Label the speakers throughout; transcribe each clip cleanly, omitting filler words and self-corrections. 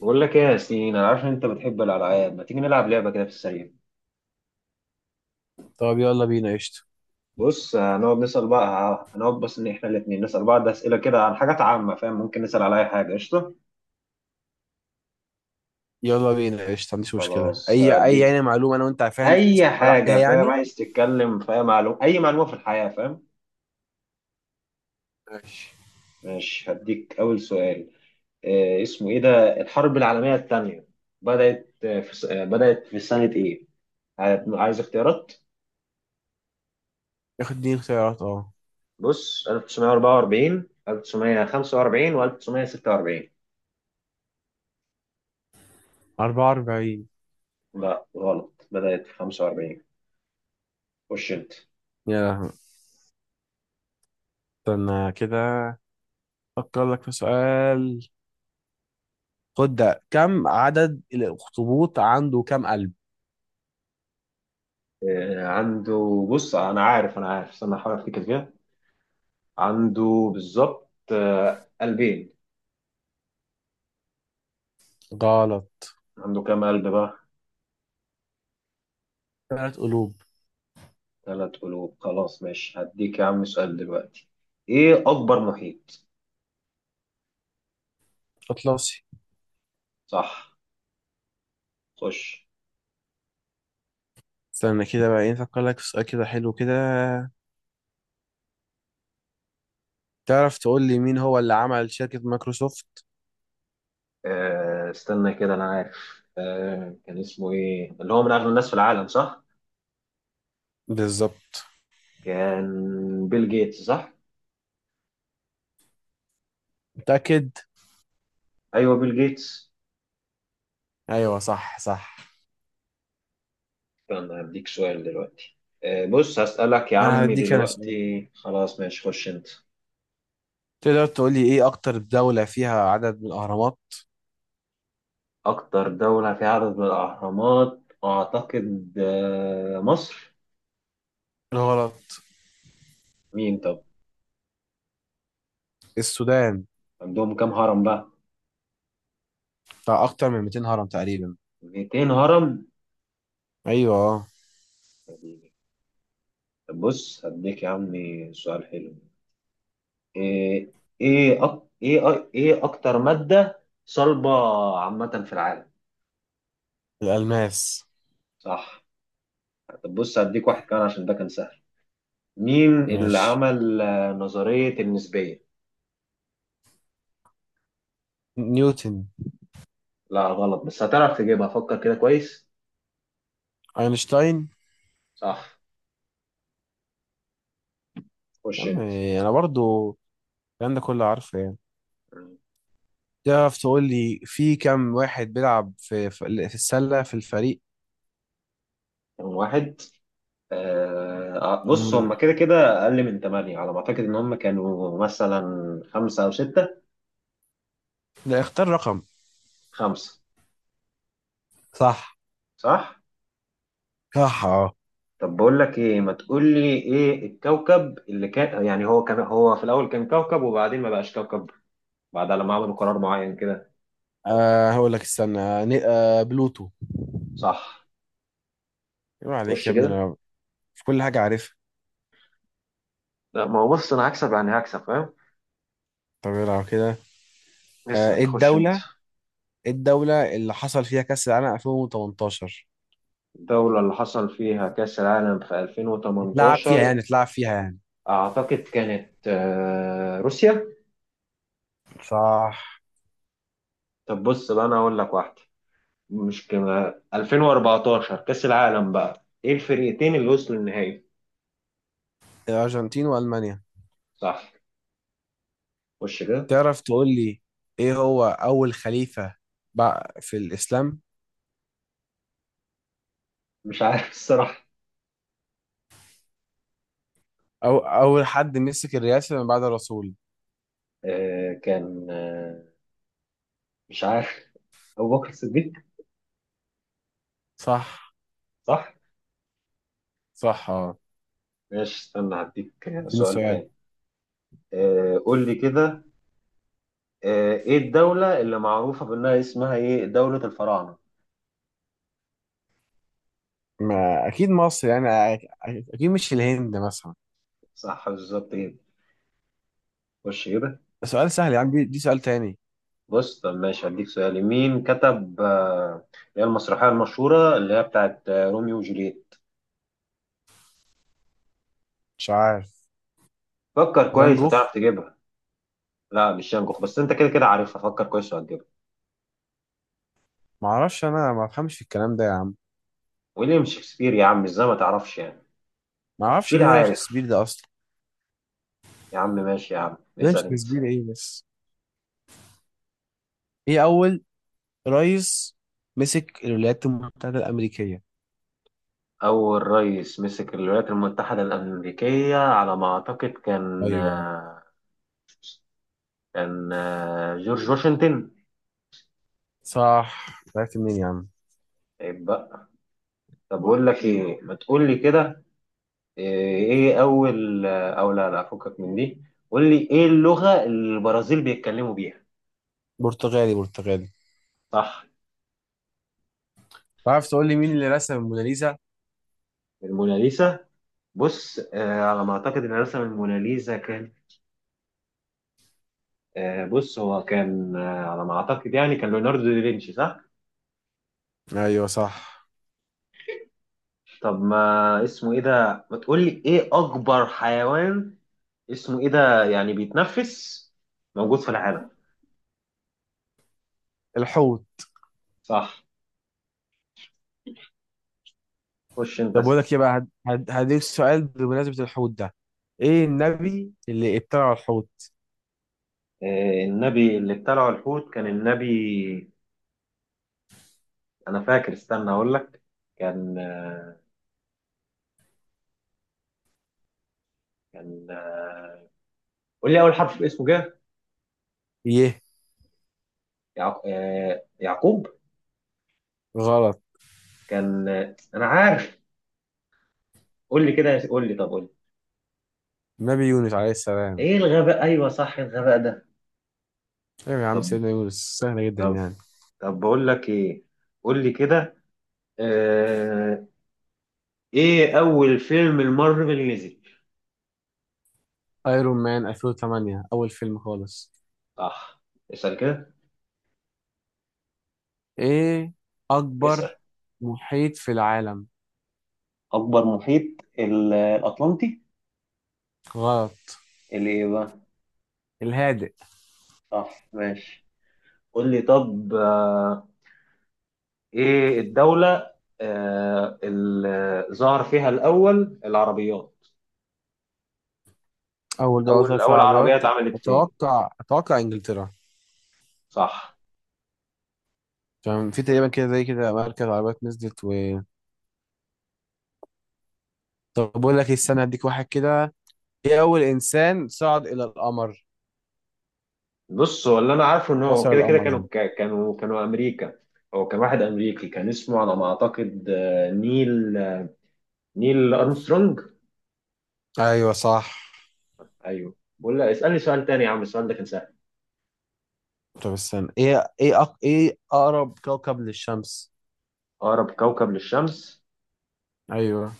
Speaker 1: بقول لك ايه يا ياسين، انا عارف ان انت بتحب الالعاب. ما تيجي نلعب لعبه كده في السريع؟
Speaker 2: طب يلا بينا قشطة.
Speaker 1: بص، هنقعد نسال بقى، هنقعد بس ان احنا الاثنين نسال بعض اسئله كده عن حاجات عامه، فاهم؟ ممكن نسال على اي حاجه، قشطه.
Speaker 2: يلا بينا قشطة، ما عنديش مشكلة
Speaker 1: خلاص
Speaker 2: أي
Speaker 1: هديك.
Speaker 2: يعني معلومة أنا وأنت عارفها.
Speaker 1: اي
Speaker 2: ولا
Speaker 1: حاجه،
Speaker 2: عليها
Speaker 1: فاهم؟
Speaker 2: يعني.
Speaker 1: عايز تتكلم في اي معلومه، اي معلومه في الحياه، فاهم؟
Speaker 2: ماشي.
Speaker 1: ماشي، هديك اول سؤال. إيه اسمه ايه ده، الحرب العالميه الثانيه بدات في بدات في سنه ايه؟ عايز اختيارات؟
Speaker 2: ياخد دي اختيارات، أه.
Speaker 1: بص: 1944، 1945، و1946.
Speaker 2: 44.
Speaker 1: لا غلط، بدأت في 45. خش انت.
Speaker 2: يا لهوي. استنى كده، أفكر لك في سؤال. خد ده، كم عدد الأخطبوط؟ عنده كم قلب؟
Speaker 1: عنده بص، انا عارف، انا عارف، استنى احاول افتكر كده. عنده بالظبط قلبين.
Speaker 2: غلط.
Speaker 1: عنده كام قلب بقى؟
Speaker 2: ثلاث قلوب.
Speaker 1: ثلاث قلوب. خلاص ماشي، هديك يا عم سؤال دلوقتي. ايه اكبر محيط؟
Speaker 2: أطلسي.
Speaker 1: صح. خش.
Speaker 2: استنى كده بقى، إيه، أفكر لك في سؤال كده حلو كده. تعرف تقول لي مين هو اللي عمل شركة مايكروسوفت؟
Speaker 1: استنى كده، انا عارف. كان اسمه ايه اللي هو من اغنى الناس في العالم؟ صح،
Speaker 2: بالظبط.
Speaker 1: كان بيل جيتس. صح،
Speaker 2: متأكد؟
Speaker 1: ايوه بيل جيتس.
Speaker 2: أيوه، صح صح.
Speaker 1: فأنا هديك سؤال دلوقتي. بص، هسألك يا
Speaker 2: أنا
Speaker 1: عمي
Speaker 2: هديك أنا سؤال.
Speaker 1: دلوقتي. خلاص ماشي، خش أنت.
Speaker 2: تقدر تقولي ايه اكتر دولة فيها عدد من الاهرامات؟
Speaker 1: أكتر دولة فيها عدد من الأهرامات أعتقد مصر.
Speaker 2: غلط.
Speaker 1: مين طب؟
Speaker 2: السودان.
Speaker 1: عندهم كام هرم بقى؟
Speaker 2: بتاع اكتر من 200 هرم تقريبا.
Speaker 1: 200 هرم.
Speaker 2: ايوه آه.
Speaker 1: طب بص، هديك يا عمي سؤال حلو. إيه؟ إيه إيه أكتر مادة صلبة عامة في العالم؟
Speaker 2: الالماس.
Speaker 1: صح. طب بص، هديك واحد كمان عشان ده كان سهل. مين اللي
Speaker 2: ماشي.
Speaker 1: عمل نظرية النسبية؟
Speaker 2: نيوتن.
Speaker 1: لا غلط، بس هتعرف تجيبها، فكر كده كويس.
Speaker 2: اينشتاين.
Speaker 1: صح.
Speaker 2: يا
Speaker 1: خش
Speaker 2: عم،
Speaker 1: انت.
Speaker 2: انا برضو الكلام ده كله عارفه يعني. تعرف تقول لي في كام واحد بيلعب في السلة في الفريق؟
Speaker 1: رقم واحد. بص،
Speaker 2: مم.
Speaker 1: هم كده كده اقل من ثمانية على ما اعتقد. ان هم كانوا مثلا خمسة او ستة.
Speaker 2: لا، اختار رقم.
Speaker 1: خمسة.
Speaker 2: صح.
Speaker 1: صح.
Speaker 2: صح، اه.
Speaker 1: طب بقول لك ايه، ما تقول لي ايه الكوكب اللي كان، يعني هو كان، هو في الاول كان كوكب وبعدين ما بقاش كوكب بعد لما عملوا قرار معين كده.
Speaker 2: هقول لك استنى، بلوتو.
Speaker 1: صح.
Speaker 2: ايه عليك
Speaker 1: خش
Speaker 2: يا ابني،
Speaker 1: كده.
Speaker 2: انا في كل حاجة عارفها.
Speaker 1: لا، ما هو بص انا هكسب، يعني هكسب، فاهم.
Speaker 2: طب يلا كده.
Speaker 1: اسال،
Speaker 2: ايه
Speaker 1: خش انت.
Speaker 2: الدولة، إيه الدولة اللي حصل فيها كأس العالم 2018؟
Speaker 1: الدولة اللي حصل فيها كأس العالم في
Speaker 2: اتلعب فيها
Speaker 1: 2018
Speaker 2: يعني اتلعب فيها يعني
Speaker 1: أعتقد كانت روسيا.
Speaker 2: صح.
Speaker 1: طب بص بقى، أنا هقول لك واحدة. مش كما 2014 كأس العالم بقى، إيه الفريقين اللي وصلوا النهائي؟
Speaker 2: الأرجنتين وألمانيا.
Speaker 1: صح. خش كده.
Speaker 2: تعرف تقول لي، إيه هو أول خليفة بقى في الإسلام؟
Speaker 1: مش عارف الصراحة.
Speaker 2: أو أول حد مسك الرئاسة من بعد الرسول؟
Speaker 1: آه، كان آه، مش عارف. أبو بكر الصديق.
Speaker 2: صح.
Speaker 1: صح.
Speaker 2: صح، اه.
Speaker 1: ماشي استنى، هديك
Speaker 2: اديني
Speaker 1: سؤال
Speaker 2: سؤال.
Speaker 1: تاني. قول لي كده. إيه الدولة اللي معروفة بأنها اسمها إيه، دولة الفراعنة؟
Speaker 2: ما أكيد مصر يعني. أكيد مش الهند مثلا.
Speaker 1: صح بالظبط كده. خش كده.
Speaker 2: سؤال سهل يا عم. دي سؤال تاني.
Speaker 1: بص، طب ماشي هديك سؤال: مين كتب اللي هي المسرحية المشهورة اللي هي بتاعت روميو وجولييت؟
Speaker 2: مش عارف.
Speaker 1: فكر
Speaker 2: فان
Speaker 1: كويس
Speaker 2: جوخ.
Speaker 1: هتعرف تجيبها. لا مش شانكوخ، بس انت كده كده عارفها، فكر كويس وهتجيبها.
Speaker 2: معرفش، أنا ما بفهمش في الكلام ده يا عم.
Speaker 1: ويليام شكسبير يا عم، ازاي ما تعرفش يعني.
Speaker 2: معرفش
Speaker 1: اكيد
Speaker 2: مين ويليام
Speaker 1: عارف.
Speaker 2: شكسبير ده أصلا.
Speaker 1: يا عم ماشي، يا عم
Speaker 2: ده
Speaker 1: اسأل انت.
Speaker 2: شكسبير إيه بس. ايه اول رئيس مسك الولايات المتحدة الامريكية؟
Speaker 1: أول رئيس مسك الولايات المتحدة الأمريكية على ما أعتقد كان
Speaker 2: ايوه.
Speaker 1: آه، كان آه، جورج واشنطن.
Speaker 2: صح، عرفت منين يا عم؟
Speaker 1: عيب بقى. طب بقول لك إيه، ما تقول لي كده. ايه اول، او لا لا، فكك من دي. قول لي ايه اللغة اللي البرازيل بيتكلموا بيها؟
Speaker 2: برتغالي، برتغالي.
Speaker 1: صح.
Speaker 2: تعرف تقول لي مين اللي رسم الموناليزا؟
Speaker 1: الموناليزا؟ بص على ما اعتقد ان رسم الموناليزا كان، بص هو كان، على ما اعتقد يعني، كان ليوناردو دافنشي. صح.
Speaker 2: ايوه صح.
Speaker 1: طب ما اسمه ايه ده، ما تقول لي ايه اكبر حيوان، اسمه ايه ده يعني، بيتنفس موجود في العالم؟
Speaker 2: الحوت.
Speaker 1: صح. خش انت
Speaker 2: طب بقول
Speaker 1: اسأل.
Speaker 2: لك ايه بقى، هديك سؤال بمناسبة الحوت ده. ايه النبي اللي ابتلع الحوت؟
Speaker 1: النبي اللي ابتلعه الحوت كان النبي، انا فاكر، استنى اقول لك. كان آه، كان آه، قول لي اول حرف في اسمه كده.
Speaker 2: ايه.
Speaker 1: يعقوب.
Speaker 2: غلط.
Speaker 1: كان آه، انا عارف. قول لي كده، قول لي، طب قول لي.
Speaker 2: نبي يونس عليه السلام.
Speaker 1: ايه الغباء، ايوه صح الغباء ده.
Speaker 2: ايوه يا عم،
Speaker 1: طب،
Speaker 2: سيدنا يونس، سهلة جدا
Speaker 1: طب،
Speaker 2: يعني.
Speaker 1: طب بقول لك ايه، قول لي كده. آه... ايه اول فيلم المارفل نزل؟
Speaker 2: ايرون مان 2008، اول فيلم خالص.
Speaker 1: صح. اسال كده.
Speaker 2: ايه
Speaker 1: اسال.
Speaker 2: اكبر محيط في العالم؟
Speaker 1: اكبر محيط؟ الاطلنطي.
Speaker 2: غلط.
Speaker 1: اللي ايه بقى؟
Speaker 2: الهادئ.
Speaker 1: صح، ماشي. قول لي طب. ايه الدولة اللي ظهر فيها الأول العربيات؟
Speaker 2: اول دوري ظهر
Speaker 1: أول
Speaker 2: عربيات؟
Speaker 1: عربية اتعملت فين؟
Speaker 2: اتوقع انجلترا.
Speaker 1: صح.
Speaker 2: عشان في تقريبا كده زي كده مركز عربيات نزلت و... طب بقول لك إيه، استنى، هديك واحد كده. ايه اول انسان صعد الى القمر،
Speaker 1: بص، هو اللي أنا عارفه إن هو
Speaker 2: وصل
Speaker 1: كده كده
Speaker 2: القمر
Speaker 1: كانوا،
Speaker 2: يعني؟
Speaker 1: كانوا أمريكا. هو كان واحد أمريكي، كان اسمه على ما أعتقد نيل، نيل أرمسترونج.
Speaker 2: ايوه صح.
Speaker 1: أيوه، بقول لك اسألني سؤال تاني يا عم، السؤال ده كان سهل.
Speaker 2: طب استنى، ايه اقرب كوكب للشمس؟
Speaker 1: أقرب كوكب للشمس؟
Speaker 2: ايوه.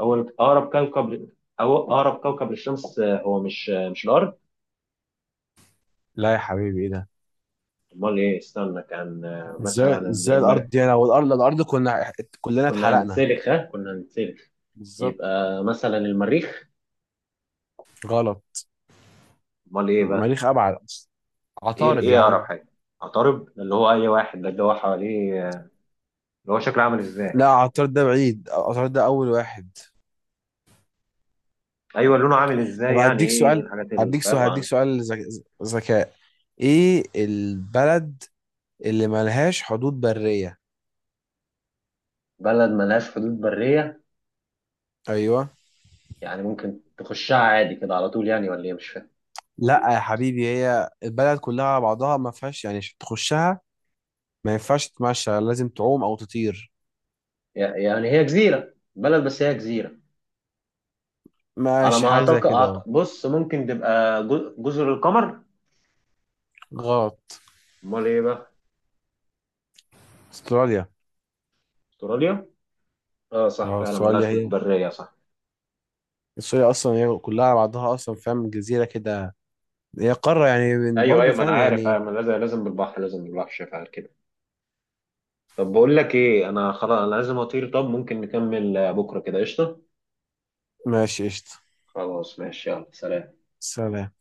Speaker 1: أول أقرب كوكب ل- أو أقرب كوكب للشمس آه، هو مش آه، مش الأرض.
Speaker 2: لا يا حبيبي، ايه ده.
Speaker 1: أمال إيه؟ استنى، كان مثلا
Speaker 2: ازاي
Speaker 1: المريخ.
Speaker 2: الارض دي، انا والارض كنا كلنا
Speaker 1: كنا
Speaker 2: اتحرقنا.
Speaker 1: هنتسلخ، ها، كنا هنتسلخ.
Speaker 2: بالظبط.
Speaker 1: يبقى مثلا المريخ.
Speaker 2: غلط.
Speaker 1: امال ايه بقى؟
Speaker 2: مريخ ابعد أصلاً.
Speaker 1: ايه،
Speaker 2: عطارد يا
Speaker 1: ايه اقرب
Speaker 2: عم.
Speaker 1: حاجه. عطارد اللي هو اي واحد ده، اللي هو حواليه، اللي هو شكله عامل ازاي؟
Speaker 2: لا، عطارد ده بعيد، عطارد ده اول واحد.
Speaker 1: ايوه، لونه عامل
Speaker 2: طب
Speaker 1: ازاي يعني،
Speaker 2: هديك
Speaker 1: ايه
Speaker 2: سؤال،
Speaker 1: الحاجات اللي
Speaker 2: هديك سؤال
Speaker 1: فاهم
Speaker 2: هديك
Speaker 1: عن.
Speaker 2: سؤال ذك- ذكاء. ايه البلد اللي ملهاش حدود برية؟
Speaker 1: بلد ملهاش حدود بريه؟
Speaker 2: ايوه.
Speaker 1: يعني ممكن تخشها عادي كده على طول يعني، ولا ايه، مش فاهم.
Speaker 2: لا يا حبيبي، هي البلد كلها على بعضها ما فيهاش يعني عشان تخشها. ما ينفعش تتمشى، لازم تعوم او تطير.
Speaker 1: يعني هي جزيره، بلد بس هي جزيره. على
Speaker 2: ماشي،
Speaker 1: ما
Speaker 2: حاجة زي
Speaker 1: اعتقد
Speaker 2: كده اهو.
Speaker 1: بص، ممكن تبقى جزر القمر.
Speaker 2: غلط.
Speaker 1: امال ايه بقى؟
Speaker 2: استراليا.
Speaker 1: استراليا. اه صح،
Speaker 2: اه،
Speaker 1: فعلا ملهاش
Speaker 2: استراليا.
Speaker 1: حدود
Speaker 2: هي
Speaker 1: بريه، صح.
Speaker 2: استراليا اصلا هي كلها على بعضها اصلا، فاهم، جزيرة كده. هي قارة يعني.
Speaker 1: ايوه
Speaker 2: برضه
Speaker 1: ايوه ما انا
Speaker 2: فاهم
Speaker 1: عارف، أيوة،
Speaker 2: يعني.
Speaker 1: ما لازم، لازم بالبحر، شايف على كده. طب بقول لك ايه، انا خلاص انا لازم اطير، طب ممكن نكمل بكره كده، قشطه؟
Speaker 2: ماشي قشطة.
Speaker 1: خلاص ماشي، يلا سلام.
Speaker 2: سلام.